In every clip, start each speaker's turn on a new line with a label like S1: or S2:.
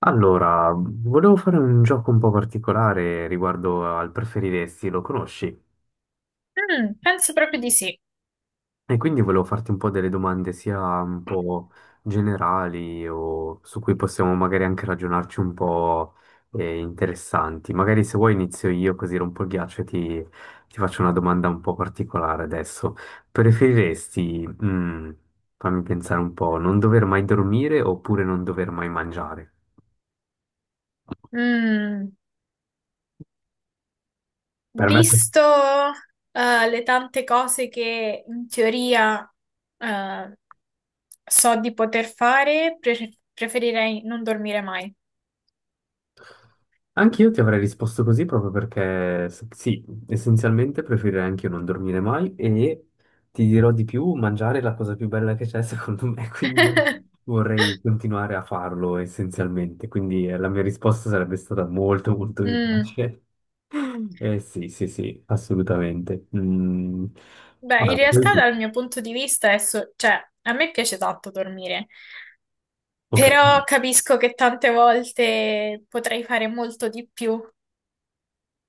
S1: Allora, volevo fare un gioco un po' particolare riguardo al preferiresti, lo conosci?
S2: Mm, penso proprio di sì.
S1: E quindi volevo farti un po' delle domande sia un po' generali o su cui possiamo magari anche ragionarci un po', interessanti. Magari se vuoi inizio io così rompo il ghiaccio e ti faccio una domanda un po' particolare adesso. Preferiresti, fammi pensare un po', non dover mai dormire oppure non dover mai mangiare?
S2: Mm,
S1: Per me...
S2: Visto le tante cose che in teoria eh, so di poter fare, preferirei non dormire mai.
S1: Anch'io ti avrei risposto così proprio perché sì, essenzialmente preferirei anche io non dormire mai e ti dirò di più, mangiare è la cosa più bella che c'è secondo me, quindi io vorrei continuare a farlo essenzialmente, quindi la mia risposta sarebbe stata molto molto più
S2: Mm,
S1: facile. Eh sì, sì, sì, assolutamente. Mm,
S2: beh, in
S1: vai, poi
S2: realtà
S1: tu.
S2: dal mio punto di vista, è cioè, a me piace tanto dormire,
S1: Ok.
S2: però capisco che tante volte potrei fare molto di più.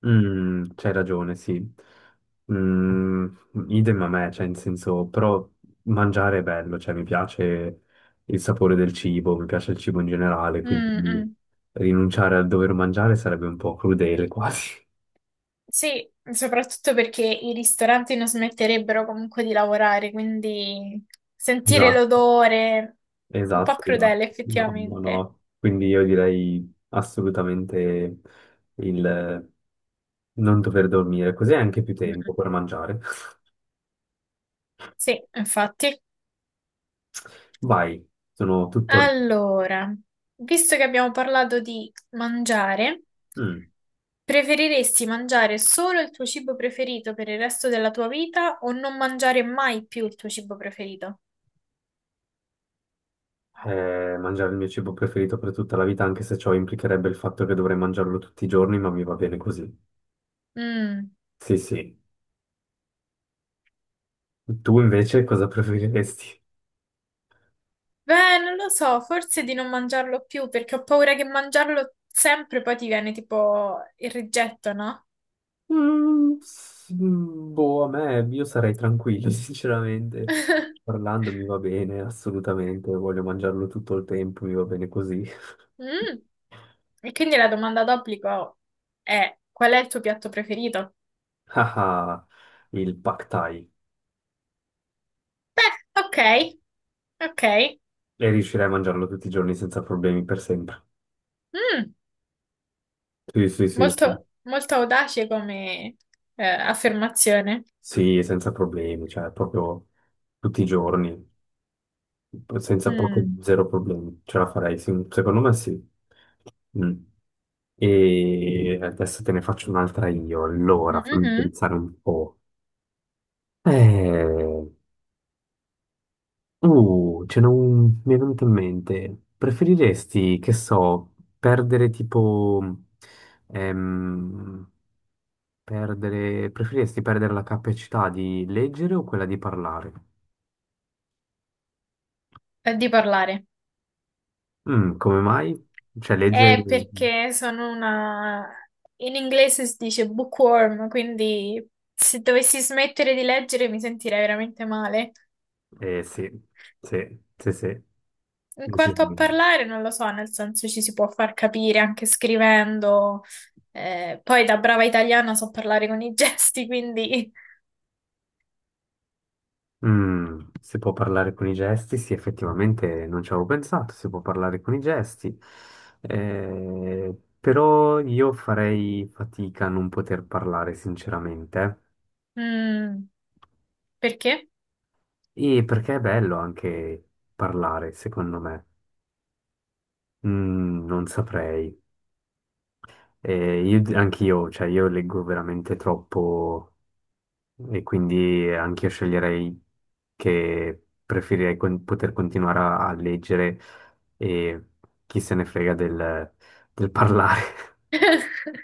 S1: Mm, c'hai ragione, sì. Mm, Idem a me, cioè, in senso, però mangiare è bello, cioè, mi piace il sapore del cibo, mi piace il cibo in generale, quindi
S2: Mm, mm.
S1: rinunciare al dover mangiare sarebbe un po' crudele quasi.
S2: Sì, soprattutto perché i ristoranti non smetterebbero comunque di lavorare, quindi sentire
S1: Esatto,
S2: l'odore, un po'
S1: esatto, esatto.
S2: crudele
S1: No, no,
S2: effettivamente.
S1: no. Quindi io direi assolutamente il non dover dormire, così hai anche più
S2: Mm,
S1: tempo per mangiare.
S2: sì, infatti.
S1: Vai, sono tutto...
S2: Allora, visto che abbiamo parlato di mangiare,
S1: Mm.
S2: preferiresti mangiare solo il tuo cibo preferito per il resto della tua vita o non mangiare mai più il tuo cibo preferito?
S1: Mangiare il mio cibo preferito per tutta la vita, anche se ciò implicherebbe il fatto che dovrei mangiarlo tutti i giorni, ma mi va bene così.
S2: Mm.
S1: Sì, sì. Tu invece cosa preferiresti?
S2: Beh, non lo so, forse di non mangiarlo più perché ho paura che mangiarlo sempre poi ti viene tipo il rigetto, no?
S1: Boh, a me io sarei tranquillo, sinceramente. Parlando mi va bene, assolutamente. Voglio mangiarlo tutto il tempo, mi va bene così.
S2: Mm. E quindi la domanda d'obbligo è: qual è il tuo piatto preferito?
S1: Ah, ah, il Pad Thai.
S2: Beh, ok, ok.
S1: E riuscirei a mangiarlo tutti i giorni senza problemi per sempre.
S2: Mm,
S1: Sì, sì, sì.
S2: molto, molto audace come affermazione.
S1: Sì, senza problemi, cioè proprio tutti i giorni, senza proprio
S2: Mm.
S1: zero problemi, ce la farei, sì, secondo me sì. Mm. E adesso te ne faccio un'altra io, allora fammi
S2: Mhm.
S1: pensare un po'. Eh, ce mi è venuto in mente, preferiresti, che so, ehm, preferiresti perdere la capacità di leggere o quella di parlare?
S2: È di parlare.
S1: Mm, come mai? Cioè, legge...
S2: È perché sono una... In inglese si dice bookworm, quindi se dovessi smettere di leggere mi sentirei veramente male.
S1: Eh sì, sì, sì, sì.
S2: In quanto a
S1: Decisamente.
S2: parlare, non lo so, nel senso ci si può far capire anche scrivendo. Poi da brava italiana so parlare con i gesti, quindi...
S1: Mm, si può parlare con i gesti? Sì, effettivamente non ci avevo pensato, si può parlare con i gesti. Eh, però io farei fatica a non poter parlare, sinceramente.
S2: mm, perché?
S1: E perché è bello anche parlare, secondo me. Mm, non saprei. Anche io, cioè, io leggo veramente troppo... E quindi anche io sceglierei che preferirei poter continuare a leggere e chi se ne frega del parlare.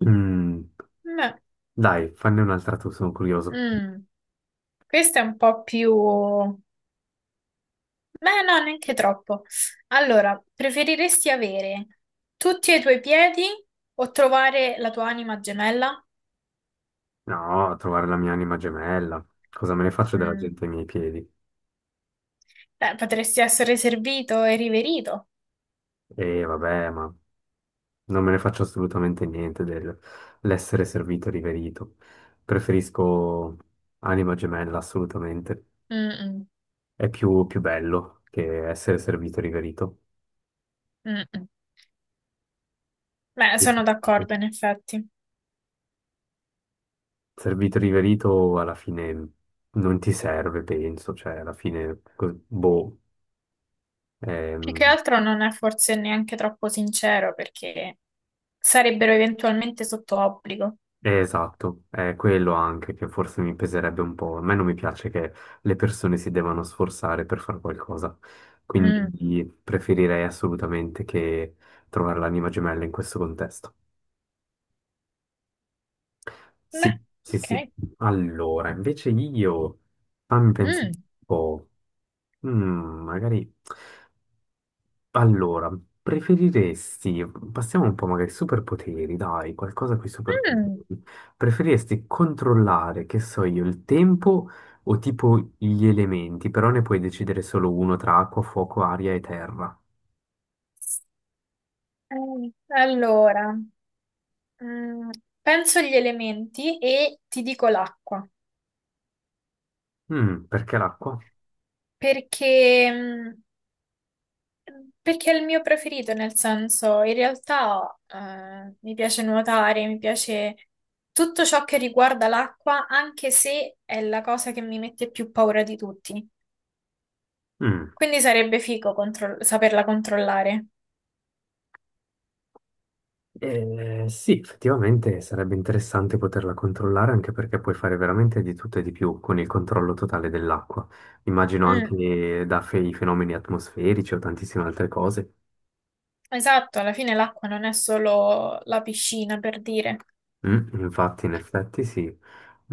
S1: Mm,
S2: No.
S1: dai, fanne un'altra tu, sono curioso.
S2: Mm. Questo è un po' più... Beh, no, neanche troppo. Allora, preferiresti avere tutti e i tuoi piedi o trovare la tua anima gemella?
S1: No, trovare la mia anima gemella. Cosa me ne faccio della
S2: Mm.
S1: gente ai miei piedi?
S2: Beh, potresti essere servito e riverito.
S1: E vabbè, ma non me ne faccio assolutamente niente dell'essere servito e riverito. Preferisco anima gemella, assolutamente.
S2: Mm-mm,
S1: È più, più bello che essere servito e riverito.
S2: mm-mm. Beh, sono d'accordo, in effetti.
S1: Servito e riverito alla fine non ti serve, penso, cioè alla fine,
S2: Più che
S1: ehm,
S2: altro non è forse neanche troppo sincero perché sarebbero eventualmente sotto obbligo.
S1: è, esatto, è quello anche che forse mi peserebbe un po'. A me non mi piace che le persone si devono sforzare per fare qualcosa,
S2: Mm.
S1: quindi preferirei assolutamente che trovare l'anima gemella in questo contesto.
S2: Beh,
S1: Sì, sì,
S2: ok.
S1: sì. Allora, invece io, fammi pensare un
S2: Mm.
S1: po'. Mm, magari... Allora, preferiresti... Passiamo un po' magari ai superpoteri, dai, qualcosa con i
S2: Mm.
S1: superpoteri. Preferiresti controllare, che so io, il tempo o tipo gli elementi, però ne puoi decidere solo uno tra acqua, fuoco, aria e terra.
S2: Allora. Mm, penso agli elementi e ti dico l'acqua,
S1: Mm, perché l'acqua?
S2: perché, mm, perché è il mio preferito, nel senso, in realtà mi piace nuotare, mi piace tutto ciò che riguarda l'acqua, anche se è la cosa che mi mette più paura di tutti.
S1: Mm.
S2: Quindi sarebbe figo saperla controllare.
S1: Sì, effettivamente sarebbe interessante poterla controllare anche perché puoi fare veramente di tutto e di più con il controllo totale dell'acqua. Immagino
S2: Mm,
S1: anche da i fenomeni atmosferici o tantissime altre cose.
S2: esatto, alla fine l'acqua non è solo la piscina, per dire.
S1: Mm, infatti, in effetti, sì.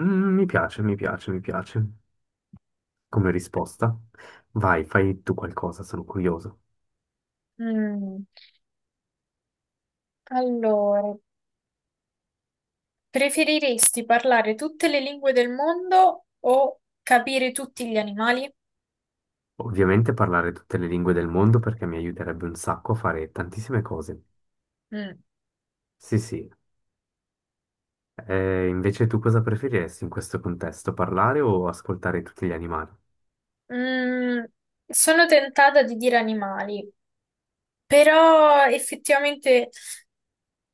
S1: Mm, mi piace, mi piace, mi piace. Come risposta, vai, fai tu qualcosa, sono curioso.
S2: Mm. Allora, preferiresti parlare tutte le lingue del mondo o capire tutti gli animali?
S1: Ovviamente parlare tutte le lingue del mondo perché mi aiuterebbe un sacco a fare tantissime cose.
S2: Mm.
S1: Sì, sì. Invece tu cosa preferiresti in questo contesto, parlare o ascoltare tutti gli animali?
S2: Mm, sono tentata di dire animali, però effettivamente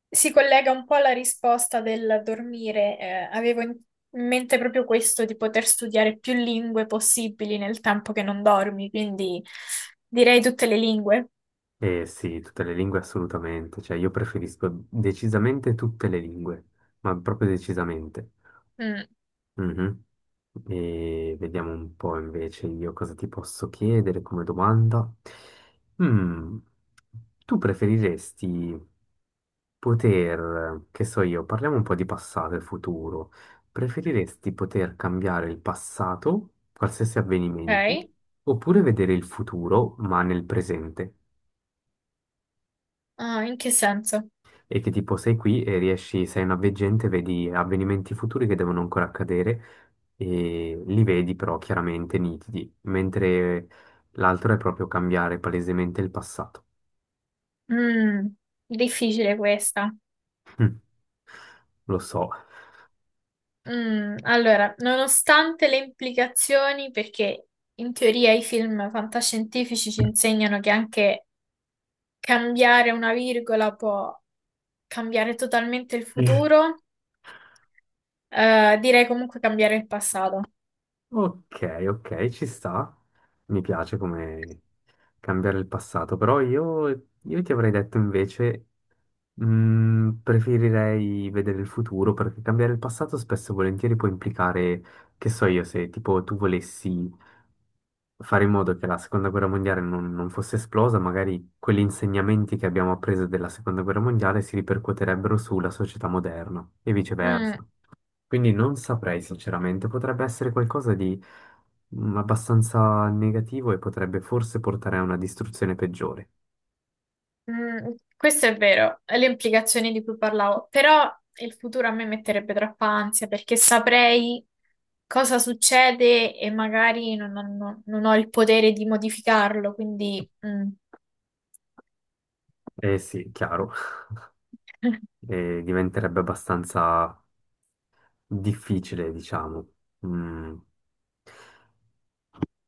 S2: si collega un po' alla risposta del dormire. Avevo in mente proprio questo, di poter studiare più lingue possibili nel tempo che non dormi, quindi direi tutte le lingue.
S1: Eh sì, tutte le lingue assolutamente, cioè io preferisco decisamente tutte le lingue, ma proprio decisamente.
S2: Mm,
S1: Mhm. E vediamo un po' invece io cosa ti posso chiedere come domanda. Mm, tu preferiresti poter, che so io, parliamo un po' di passato e futuro. Preferiresti poter cambiare il passato, qualsiasi
S2: ok.
S1: avvenimento, oppure vedere il futuro, ma nel presente?
S2: Ah, in che senso?
S1: E che tipo sei qui e riesci, sei una veggente, vedi avvenimenti futuri che devono ancora accadere e li vedi però chiaramente nitidi, mentre l'altro è proprio cambiare palesemente il passato.
S2: Mm, difficile questa.
S1: Lo so.
S2: Mm, allora, nonostante le implicazioni, perché in teoria i film fantascientifici ci insegnano che anche cambiare una virgola può cambiare totalmente il futuro, direi comunque cambiare il passato.
S1: Ok, ok, ci sta. Mi piace come cambiare il passato, però io ti avrei detto invece, preferirei vedere il futuro perché cambiare il passato spesso e volentieri può implicare, che so io, se tipo tu volessi fare in modo che la seconda guerra mondiale non fosse esplosa, magari quegli insegnamenti che abbiamo appreso della seconda guerra mondiale si ripercuoterebbero sulla società moderna e
S2: Mm,
S1: viceversa. Quindi non saprei sinceramente, potrebbe essere qualcosa di abbastanza negativo e potrebbe forse portare a una distruzione peggiore.
S2: mm, questo è vero, le implicazioni di cui parlavo, però il futuro a me metterebbe troppa ansia perché saprei cosa succede e magari non ho il potere di modificarlo, quindi... mm.
S1: Eh sì, chiaro, e diventerebbe abbastanza difficile, diciamo. Mm.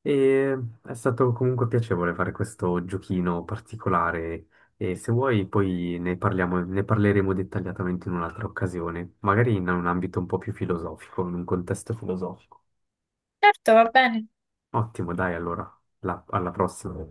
S1: E è stato comunque piacevole fare questo giochino particolare e se vuoi poi ne parleremo dettagliatamente in un'altra occasione, magari in un ambito un po' più filosofico, in un contesto filosofico.
S2: Certo, va bene.
S1: Ottimo, dai, allora, alla prossima.